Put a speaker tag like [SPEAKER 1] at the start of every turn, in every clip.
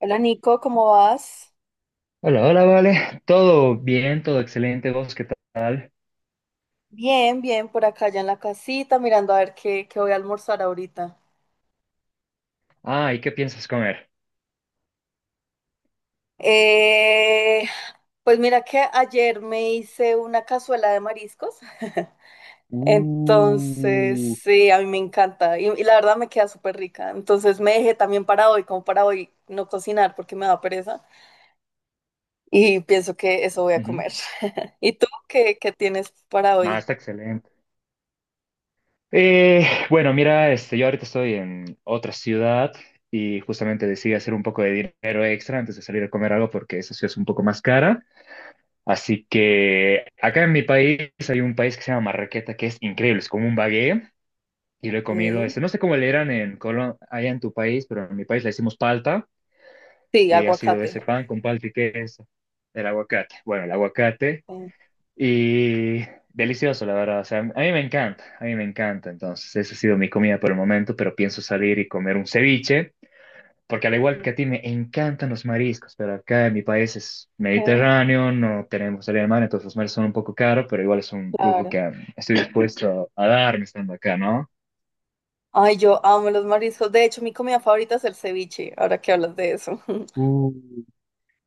[SPEAKER 1] Hola Nico, ¿cómo vas?
[SPEAKER 2] Hola, hola, vale. Todo bien, todo excelente. ¿Vos qué tal?
[SPEAKER 1] Bien, bien, por acá ya en la casita, mirando a ver qué voy a almorzar ahorita.
[SPEAKER 2] Ah, ¿y qué piensas comer?
[SPEAKER 1] Eh, pues mira que ayer me hice una cazuela de mariscos, entonces
[SPEAKER 2] Uh,
[SPEAKER 1] sí, a mí me encanta y la verdad me queda súper rica. Entonces me dejé también para hoy, como para hoy no cocinar porque me da pereza y pienso que eso voy a
[SPEAKER 2] ujú.
[SPEAKER 1] comer. ¿Y tú qué tienes para
[SPEAKER 2] No,
[SPEAKER 1] hoy?
[SPEAKER 2] está excelente. Bueno, mira, este, yo ahorita estoy en otra ciudad y justamente decidí hacer un poco de dinero extra antes de salir a comer algo porque esa ciudad es un poco más cara. Así que acá en mi país hay un país que se llama Marraqueta que es increíble, es como un bagué y lo he comido.
[SPEAKER 1] Sí,
[SPEAKER 2] Este, no sé cómo le eran en Colombia, allá en tu país, pero en mi país le decimos palta.
[SPEAKER 1] sí,
[SPEAKER 2] Y ha sido ese
[SPEAKER 1] aguacate.
[SPEAKER 2] pan con palta y queso, el aguacate. Bueno, el aguacate
[SPEAKER 1] Sí.
[SPEAKER 2] y delicioso, la verdad. O sea, a mí me encanta, a mí me encanta. Entonces, esa ha sido mi comida por el momento, pero pienso salir y comer un ceviche, porque al
[SPEAKER 1] Sí,
[SPEAKER 2] igual que a ti me encantan los mariscos, pero acá en mi país es mediterráneo, no tenemos salida de mar, entonces los mares son un poco caros, pero igual es un lujo
[SPEAKER 1] claro.
[SPEAKER 2] que estoy dispuesto a darme estando acá, ¿no?
[SPEAKER 1] Ay, yo amo los mariscos. De hecho, mi comida favorita es el ceviche, ahora que hablas de eso.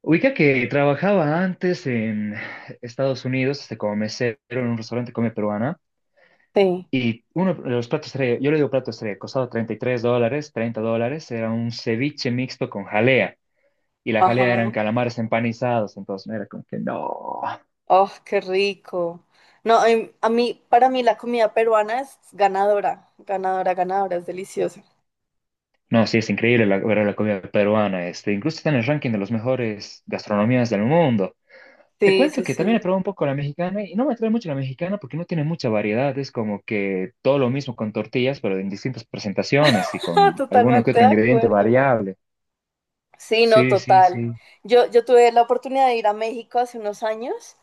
[SPEAKER 2] Ubica que trabajaba antes en Estados Unidos, este, como mesero en un restaurante de comida peruana,
[SPEAKER 1] Sí,
[SPEAKER 2] y uno de los platos estrella, yo le digo plato estrella, costaba $33, $30, era un ceviche mixto con jalea, y la jalea eran
[SPEAKER 1] ajá.
[SPEAKER 2] calamares empanizados, entonces era como que no,
[SPEAKER 1] Oh, qué rico. No, a mí, para mí la comida peruana es ganadora, ganadora, ganadora, es deliciosa.
[SPEAKER 2] no, sí, es increíble la, ver la comida peruana, este, incluso está en el ranking de las mejores gastronomías del mundo. Te
[SPEAKER 1] Sí, sí,
[SPEAKER 2] cuento que también he
[SPEAKER 1] sí.
[SPEAKER 2] probado un poco la mexicana y no me atrae mucho la mexicana porque no tiene mucha variedad. Es como que todo lo mismo con tortillas, pero en distintas presentaciones y con alguno que
[SPEAKER 1] Totalmente
[SPEAKER 2] otro
[SPEAKER 1] de
[SPEAKER 2] ingrediente
[SPEAKER 1] acuerdo.
[SPEAKER 2] variable.
[SPEAKER 1] Sí, no,
[SPEAKER 2] Sí, sí,
[SPEAKER 1] total.
[SPEAKER 2] sí.
[SPEAKER 1] Yo tuve la oportunidad de ir a México hace unos años.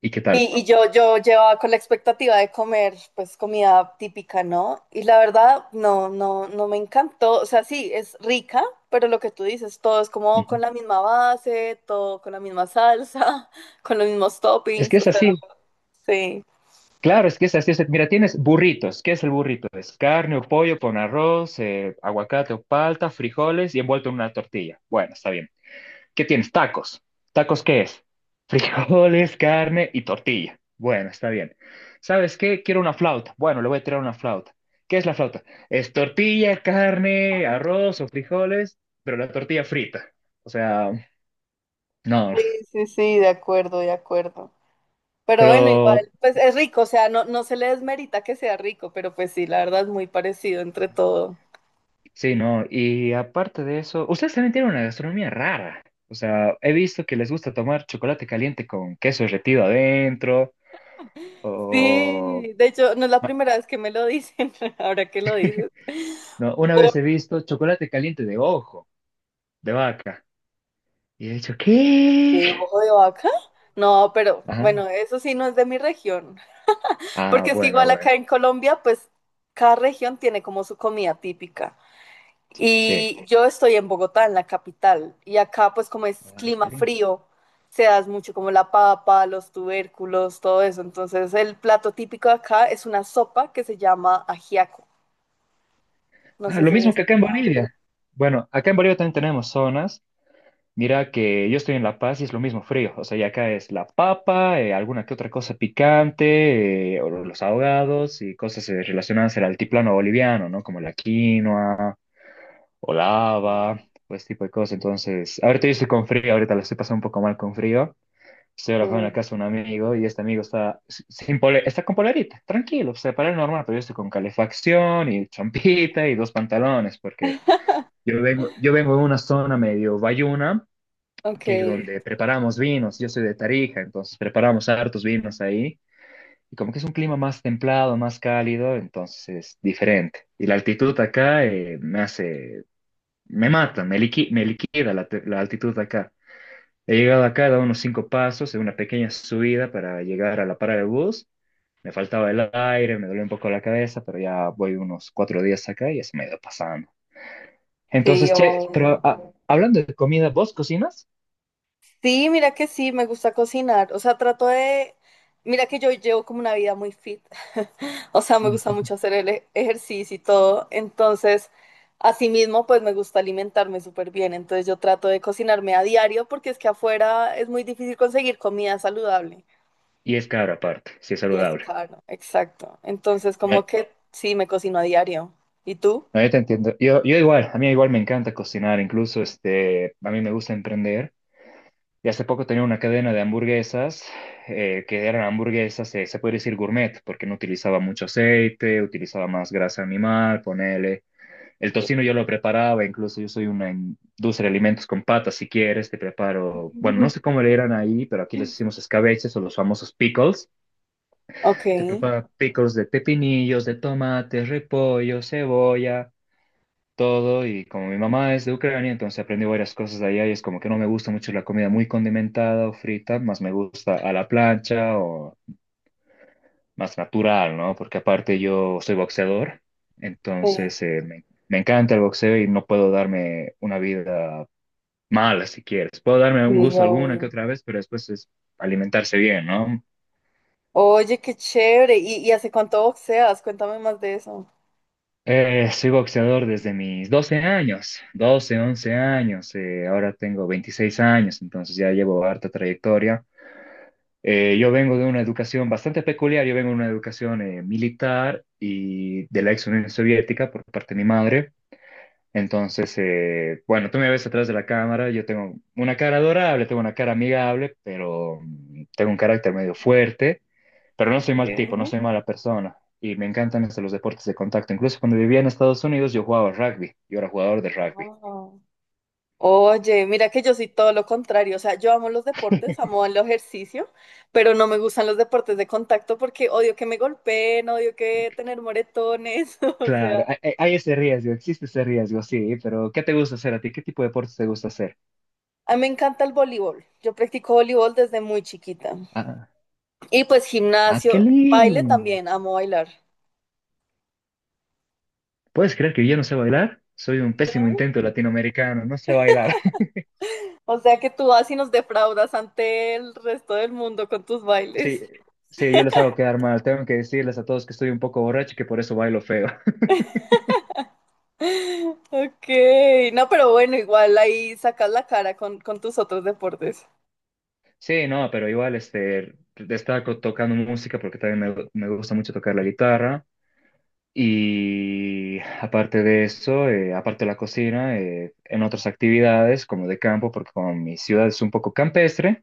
[SPEAKER 2] ¿Y qué tal?
[SPEAKER 1] Y yo, yo llevaba con la expectativa de comer, pues, comida típica, ¿no? Y la verdad, no, no, no me encantó. O sea, sí, es rica, pero lo que tú dices, todo es como con
[SPEAKER 2] Ujú.
[SPEAKER 1] la misma base, todo con la misma salsa, con los mismos
[SPEAKER 2] Es que
[SPEAKER 1] toppings, o
[SPEAKER 2] es
[SPEAKER 1] sea,
[SPEAKER 2] así.
[SPEAKER 1] sí.
[SPEAKER 2] Claro, es que es así. O sea, mira, tienes burritos. ¿Qué es el burrito? Es carne o pollo con arroz, aguacate o palta, frijoles y envuelto en una tortilla. Bueno, está bien. ¿Qué tienes? Tacos. ¿Tacos qué es? Frijoles, carne y tortilla. Bueno, está bien. ¿Sabes qué? Quiero una flauta. Bueno, le voy a tirar una flauta. ¿Qué es la flauta? Es tortilla, carne,
[SPEAKER 1] Ujú.
[SPEAKER 2] arroz o frijoles, pero la tortilla frita. O sea, no.
[SPEAKER 1] Sí, sí, sí, de acuerdo, de acuerdo. Pero bueno,
[SPEAKER 2] Pero
[SPEAKER 1] igual, pues es rico, o sea, no, no se le desmerita que sea rico, pero pues sí, la verdad es muy parecido entre todo.
[SPEAKER 2] sí, no. Y aparte de eso, ustedes también tienen una gastronomía rara. O sea, he visto que les gusta tomar chocolate caliente con queso derretido adentro o
[SPEAKER 1] Sí, de hecho, no es la primera vez que me lo dicen, ahora que lo dices.
[SPEAKER 2] no, una
[SPEAKER 1] Ojo
[SPEAKER 2] vez he visto chocolate caliente de ojo, de vaca. Y he dicho, ¿qué?
[SPEAKER 1] ojo de vaca. No, pero
[SPEAKER 2] Ajá.
[SPEAKER 1] bueno, eso sí no es de mi región,
[SPEAKER 2] Ah,
[SPEAKER 1] porque es que
[SPEAKER 2] bueno,
[SPEAKER 1] igual
[SPEAKER 2] bueno.
[SPEAKER 1] acá en Colombia, pues cada región tiene como su comida típica.
[SPEAKER 2] Sí.
[SPEAKER 1] Y yo estoy en Bogotá, en la capital, y acá pues como es
[SPEAKER 2] Ah, qué
[SPEAKER 1] clima
[SPEAKER 2] lindo.
[SPEAKER 1] frío, se da mucho como la papa, los tubérculos, todo eso. Entonces el plato típico de acá es una sopa que se llama ajiaco. No
[SPEAKER 2] Ah,
[SPEAKER 1] sé
[SPEAKER 2] lo
[SPEAKER 1] si
[SPEAKER 2] mismo
[SPEAKER 1] es...
[SPEAKER 2] que acá en Bolivia. Bueno, acá en Bolivia también tenemos zonas. Mira que yo estoy en La Paz y es lo mismo frío. O sea, y acá es la papa, alguna que otra cosa picante, o los ahogados y cosas relacionadas al altiplano boliviano, ¿no? Como la quinoa o lava, pues tipo de cosas. Entonces, ahorita yo estoy con frío, ahorita lo estoy pasando un poco mal con frío. Estoy alojado en
[SPEAKER 1] Eh,
[SPEAKER 2] la casa de un amigo y este amigo está, sin pole- está con polerita, tranquilo, o sea, para él normal, pero yo estoy con calefacción y champita y dos pantalones, porque yo vengo de una zona medio bayuna,
[SPEAKER 1] ok,
[SPEAKER 2] que donde preparamos vinos, yo soy de Tarija, entonces preparamos hartos vinos ahí, y como que es un clima más templado, más cálido, entonces es diferente. Y la altitud acá me hace, me mata, me liquida la altitud acá. He llegado acá, he dado unos cinco pasos en una pequeña subida para llegar a la parada de bus. Me faltaba el aire, me dolió un poco la cabeza, pero ya voy unos 4 días acá y ya se me ha ido pasando.
[SPEAKER 1] sí,
[SPEAKER 2] Entonces, che,
[SPEAKER 1] o...
[SPEAKER 2] pero hablando de comida, ¿vos cocinas?
[SPEAKER 1] Sí, mira que sí, me gusta cocinar. O sea, trato de... Mira que yo llevo como una vida muy fit. O sea, me gusta mucho
[SPEAKER 2] Ujú.
[SPEAKER 1] hacer ejercicio y todo. Entonces, asimismo, pues me gusta alimentarme súper bien. Entonces, yo trato de cocinarme a diario porque es que afuera es muy difícil conseguir comida saludable.
[SPEAKER 2] Y es caro aparte, sí es
[SPEAKER 1] Y es
[SPEAKER 2] saludable.
[SPEAKER 1] caro, exacto. Entonces,
[SPEAKER 2] No,
[SPEAKER 1] como que sí, me cocino a diario. ¿Y tú?
[SPEAKER 2] no, yo te entiendo. Yo igual, a mí igual me encanta cocinar, incluso este, a mí me gusta emprender. Y hace poco tenía una cadena de hamburguesas, que eran hamburguesas, se puede decir gourmet, porque no utilizaba mucho aceite, utilizaba más grasa animal, ponele. El tocino
[SPEAKER 1] Ok.
[SPEAKER 2] yo lo preparaba, incluso yo soy una industria de alimentos con patas, si quieres, te preparo, bueno, no sé cómo le eran ahí, pero aquí les hicimos escabeches o los famosos pickles.
[SPEAKER 1] Ok.
[SPEAKER 2] Te preparo pickles de pepinillos, de tomates, repollo, cebolla todo y como mi mamá es de Ucrania, entonces aprendí varias cosas de allá y es como que no me gusta mucho la comida muy condimentada o frita, más me gusta a la plancha o más natural, ¿no? Porque aparte yo soy boxeador,
[SPEAKER 1] Sí,
[SPEAKER 2] entonces me encanta el boxeo y no puedo darme una vida mala si quieres. Puedo darme un
[SPEAKER 1] sí,
[SPEAKER 2] gusto alguna que
[SPEAKER 1] obvio.
[SPEAKER 2] otra vez, pero después es alimentarse bien, ¿no?
[SPEAKER 1] Oye, qué chévere. Y hace cuánto boxeas? Cuéntame más de eso.
[SPEAKER 2] Soy boxeador desde mis 12 años, 12, 11 años, ahora tengo 26 años, entonces ya llevo harta trayectoria. Yo vengo de una educación bastante peculiar, yo vengo de una educación militar y de la ex Unión Soviética por parte de mi madre. Entonces, bueno, tú me ves atrás de la cámara, yo tengo una cara adorable, tengo una cara amigable, pero tengo un carácter medio fuerte, pero no soy mal tipo, no
[SPEAKER 1] ¿Qué?
[SPEAKER 2] soy mala persona. Y me encantan hasta los deportes de contacto. Incluso cuando vivía en Estados Unidos, yo jugaba rugby, yo era jugador de rugby.
[SPEAKER 1] Wow. Oye, mira que yo soy todo lo contrario. O sea, yo amo los deportes, amo el ejercicio, pero no me gustan los deportes de contacto porque odio que me golpeen, odio que tener moretones. O sea,
[SPEAKER 2] Claro, hay ese riesgo, existe ese riesgo, sí, pero ¿qué te gusta hacer a ti? ¿Qué tipo de deportes te gusta hacer?
[SPEAKER 1] a mí me encanta el voleibol. Yo practico voleibol desde muy chiquita.
[SPEAKER 2] Ah.
[SPEAKER 1] Y pues
[SPEAKER 2] Ah, qué
[SPEAKER 1] gimnasio, baile
[SPEAKER 2] lindo.
[SPEAKER 1] también, amo bailar.
[SPEAKER 2] ¿Puedes creer que yo no sé bailar? Soy un
[SPEAKER 1] ¿No?
[SPEAKER 2] pésimo intento latinoamericano, no sé bailar.
[SPEAKER 1] O sea que tú vas y nos defraudas ante el resto del mundo con tus
[SPEAKER 2] Sí,
[SPEAKER 1] bailes.
[SPEAKER 2] sí, yo les hago quedar mal. Tengo que decirles a todos que estoy un poco borracho y que por eso bailo feo.
[SPEAKER 1] Ok, no, pero bueno, igual ahí sacas la cara con tus otros deportes.
[SPEAKER 2] Sí, no, pero igual este, destaco tocando música porque también me gusta mucho tocar la guitarra. Y aparte de eso, aparte de la cocina, en otras actividades como de campo, porque como mi ciudad es un poco campestre.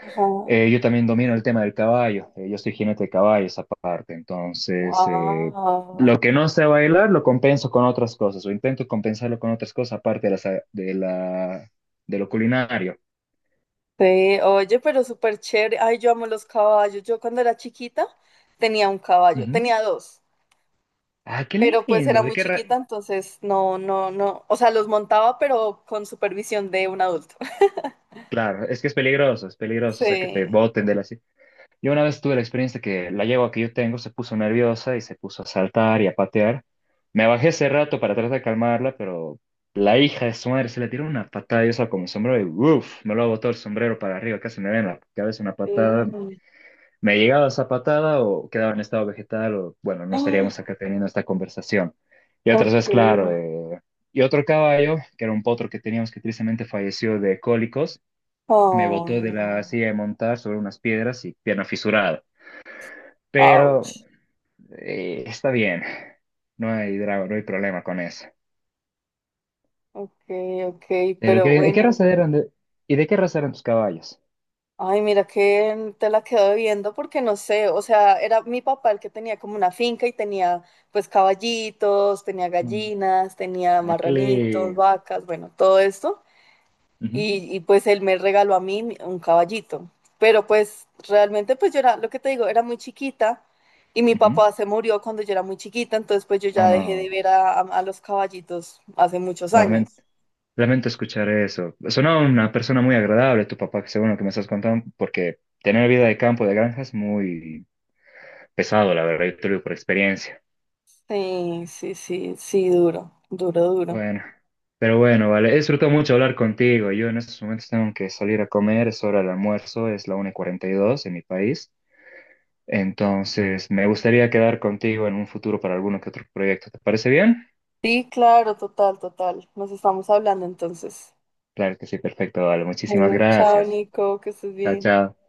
[SPEAKER 1] Ajá.
[SPEAKER 2] Yo también domino el tema del caballo, yo soy jinete de caballos aparte, entonces lo
[SPEAKER 1] Wow.
[SPEAKER 2] que no sé bailar lo compenso con otras cosas o intento compensarlo con otras cosas aparte de, las, de, la, de lo culinario.
[SPEAKER 1] Sí, oye, pero súper chévere. Ay, yo amo los caballos. Yo cuando era chiquita tenía un caballo,
[SPEAKER 2] Ujú.
[SPEAKER 1] tenía dos,
[SPEAKER 2] Ah, qué
[SPEAKER 1] pero pues
[SPEAKER 2] lindo.
[SPEAKER 1] era muy chiquita, entonces no, no, no. O sea, los montaba, pero con supervisión de un adulto.
[SPEAKER 2] Claro, es que es peligroso, o sea, que te
[SPEAKER 1] Sí.
[SPEAKER 2] boten de la... Yo una vez tuve la experiencia que la yegua que yo tengo se puso nerviosa y se puso a saltar y a patear. Me bajé ese rato para tratar de calmarla, pero la hija de su madre se le tiró una patada y usaba como sombrero y ¡uf! Me lo botó el sombrero para arriba, casi me da en la cabeza una patada.
[SPEAKER 1] Sí.
[SPEAKER 2] Me llegaba esa patada o quedaba en estado vegetal o, bueno, no estaríamos
[SPEAKER 1] Ah,
[SPEAKER 2] acá teniendo esta conversación. Y otras
[SPEAKER 1] ok.
[SPEAKER 2] veces, claro, y otro caballo, que era un potro que teníamos que tristemente falleció de cólicos, me botó de la
[SPEAKER 1] Oh,
[SPEAKER 2] silla de montar sobre unas piedras y pierna fisurada. Pero
[SPEAKER 1] ouch.
[SPEAKER 2] está bien, no hay drama, no hay problema con eso.
[SPEAKER 1] Ok, ok,
[SPEAKER 2] Pero
[SPEAKER 1] pero
[SPEAKER 2] ¿qué, y qué
[SPEAKER 1] bueno.
[SPEAKER 2] raza eran de, y ¿de qué raza eran tus caballos?
[SPEAKER 1] Ay, mira que te la quedo viendo porque no sé, o sea, era mi papá el que tenía como una finca y tenía pues caballitos, tenía
[SPEAKER 2] Mm,
[SPEAKER 1] gallinas, tenía
[SPEAKER 2] ¿A qué
[SPEAKER 1] marranitos,
[SPEAKER 2] le...?
[SPEAKER 1] vacas, bueno, todo esto.
[SPEAKER 2] Ujú,
[SPEAKER 1] Pues él me regaló a mí un caballito. Pero pues realmente pues yo era, lo que te digo, era muy chiquita y mi
[SPEAKER 2] ujú.
[SPEAKER 1] papá se murió cuando yo era muy chiquita, entonces pues yo
[SPEAKER 2] Ah,
[SPEAKER 1] ya dejé de
[SPEAKER 2] no,
[SPEAKER 1] ver a, a los caballitos hace muchos años.
[SPEAKER 2] lamento, lamento escuchar eso. Sonaba una persona muy agradable, tu papá, según lo que me estás contando, porque tener vida de campo, de granja, es muy pesado, la verdad, yo te lo digo por experiencia.
[SPEAKER 1] Sí, sí, sí, sí, duro, duro, duro.
[SPEAKER 2] Bueno, pero bueno, vale, he disfrutado mucho hablar contigo. Yo en estos momentos tengo que salir a comer, es hora del almuerzo, es la 1 y cuarenta y dos en mi país. Entonces, me gustaría quedar contigo en un futuro para alguno que otro proyecto. ¿Te parece bien?
[SPEAKER 1] Sí, claro, total, total. Nos estamos hablando entonces.
[SPEAKER 2] Claro que sí, perfecto, vale. Muchísimas
[SPEAKER 1] Bueno, chao,
[SPEAKER 2] gracias.
[SPEAKER 1] Nico, que estés
[SPEAKER 2] Chao,
[SPEAKER 1] bien.
[SPEAKER 2] chao.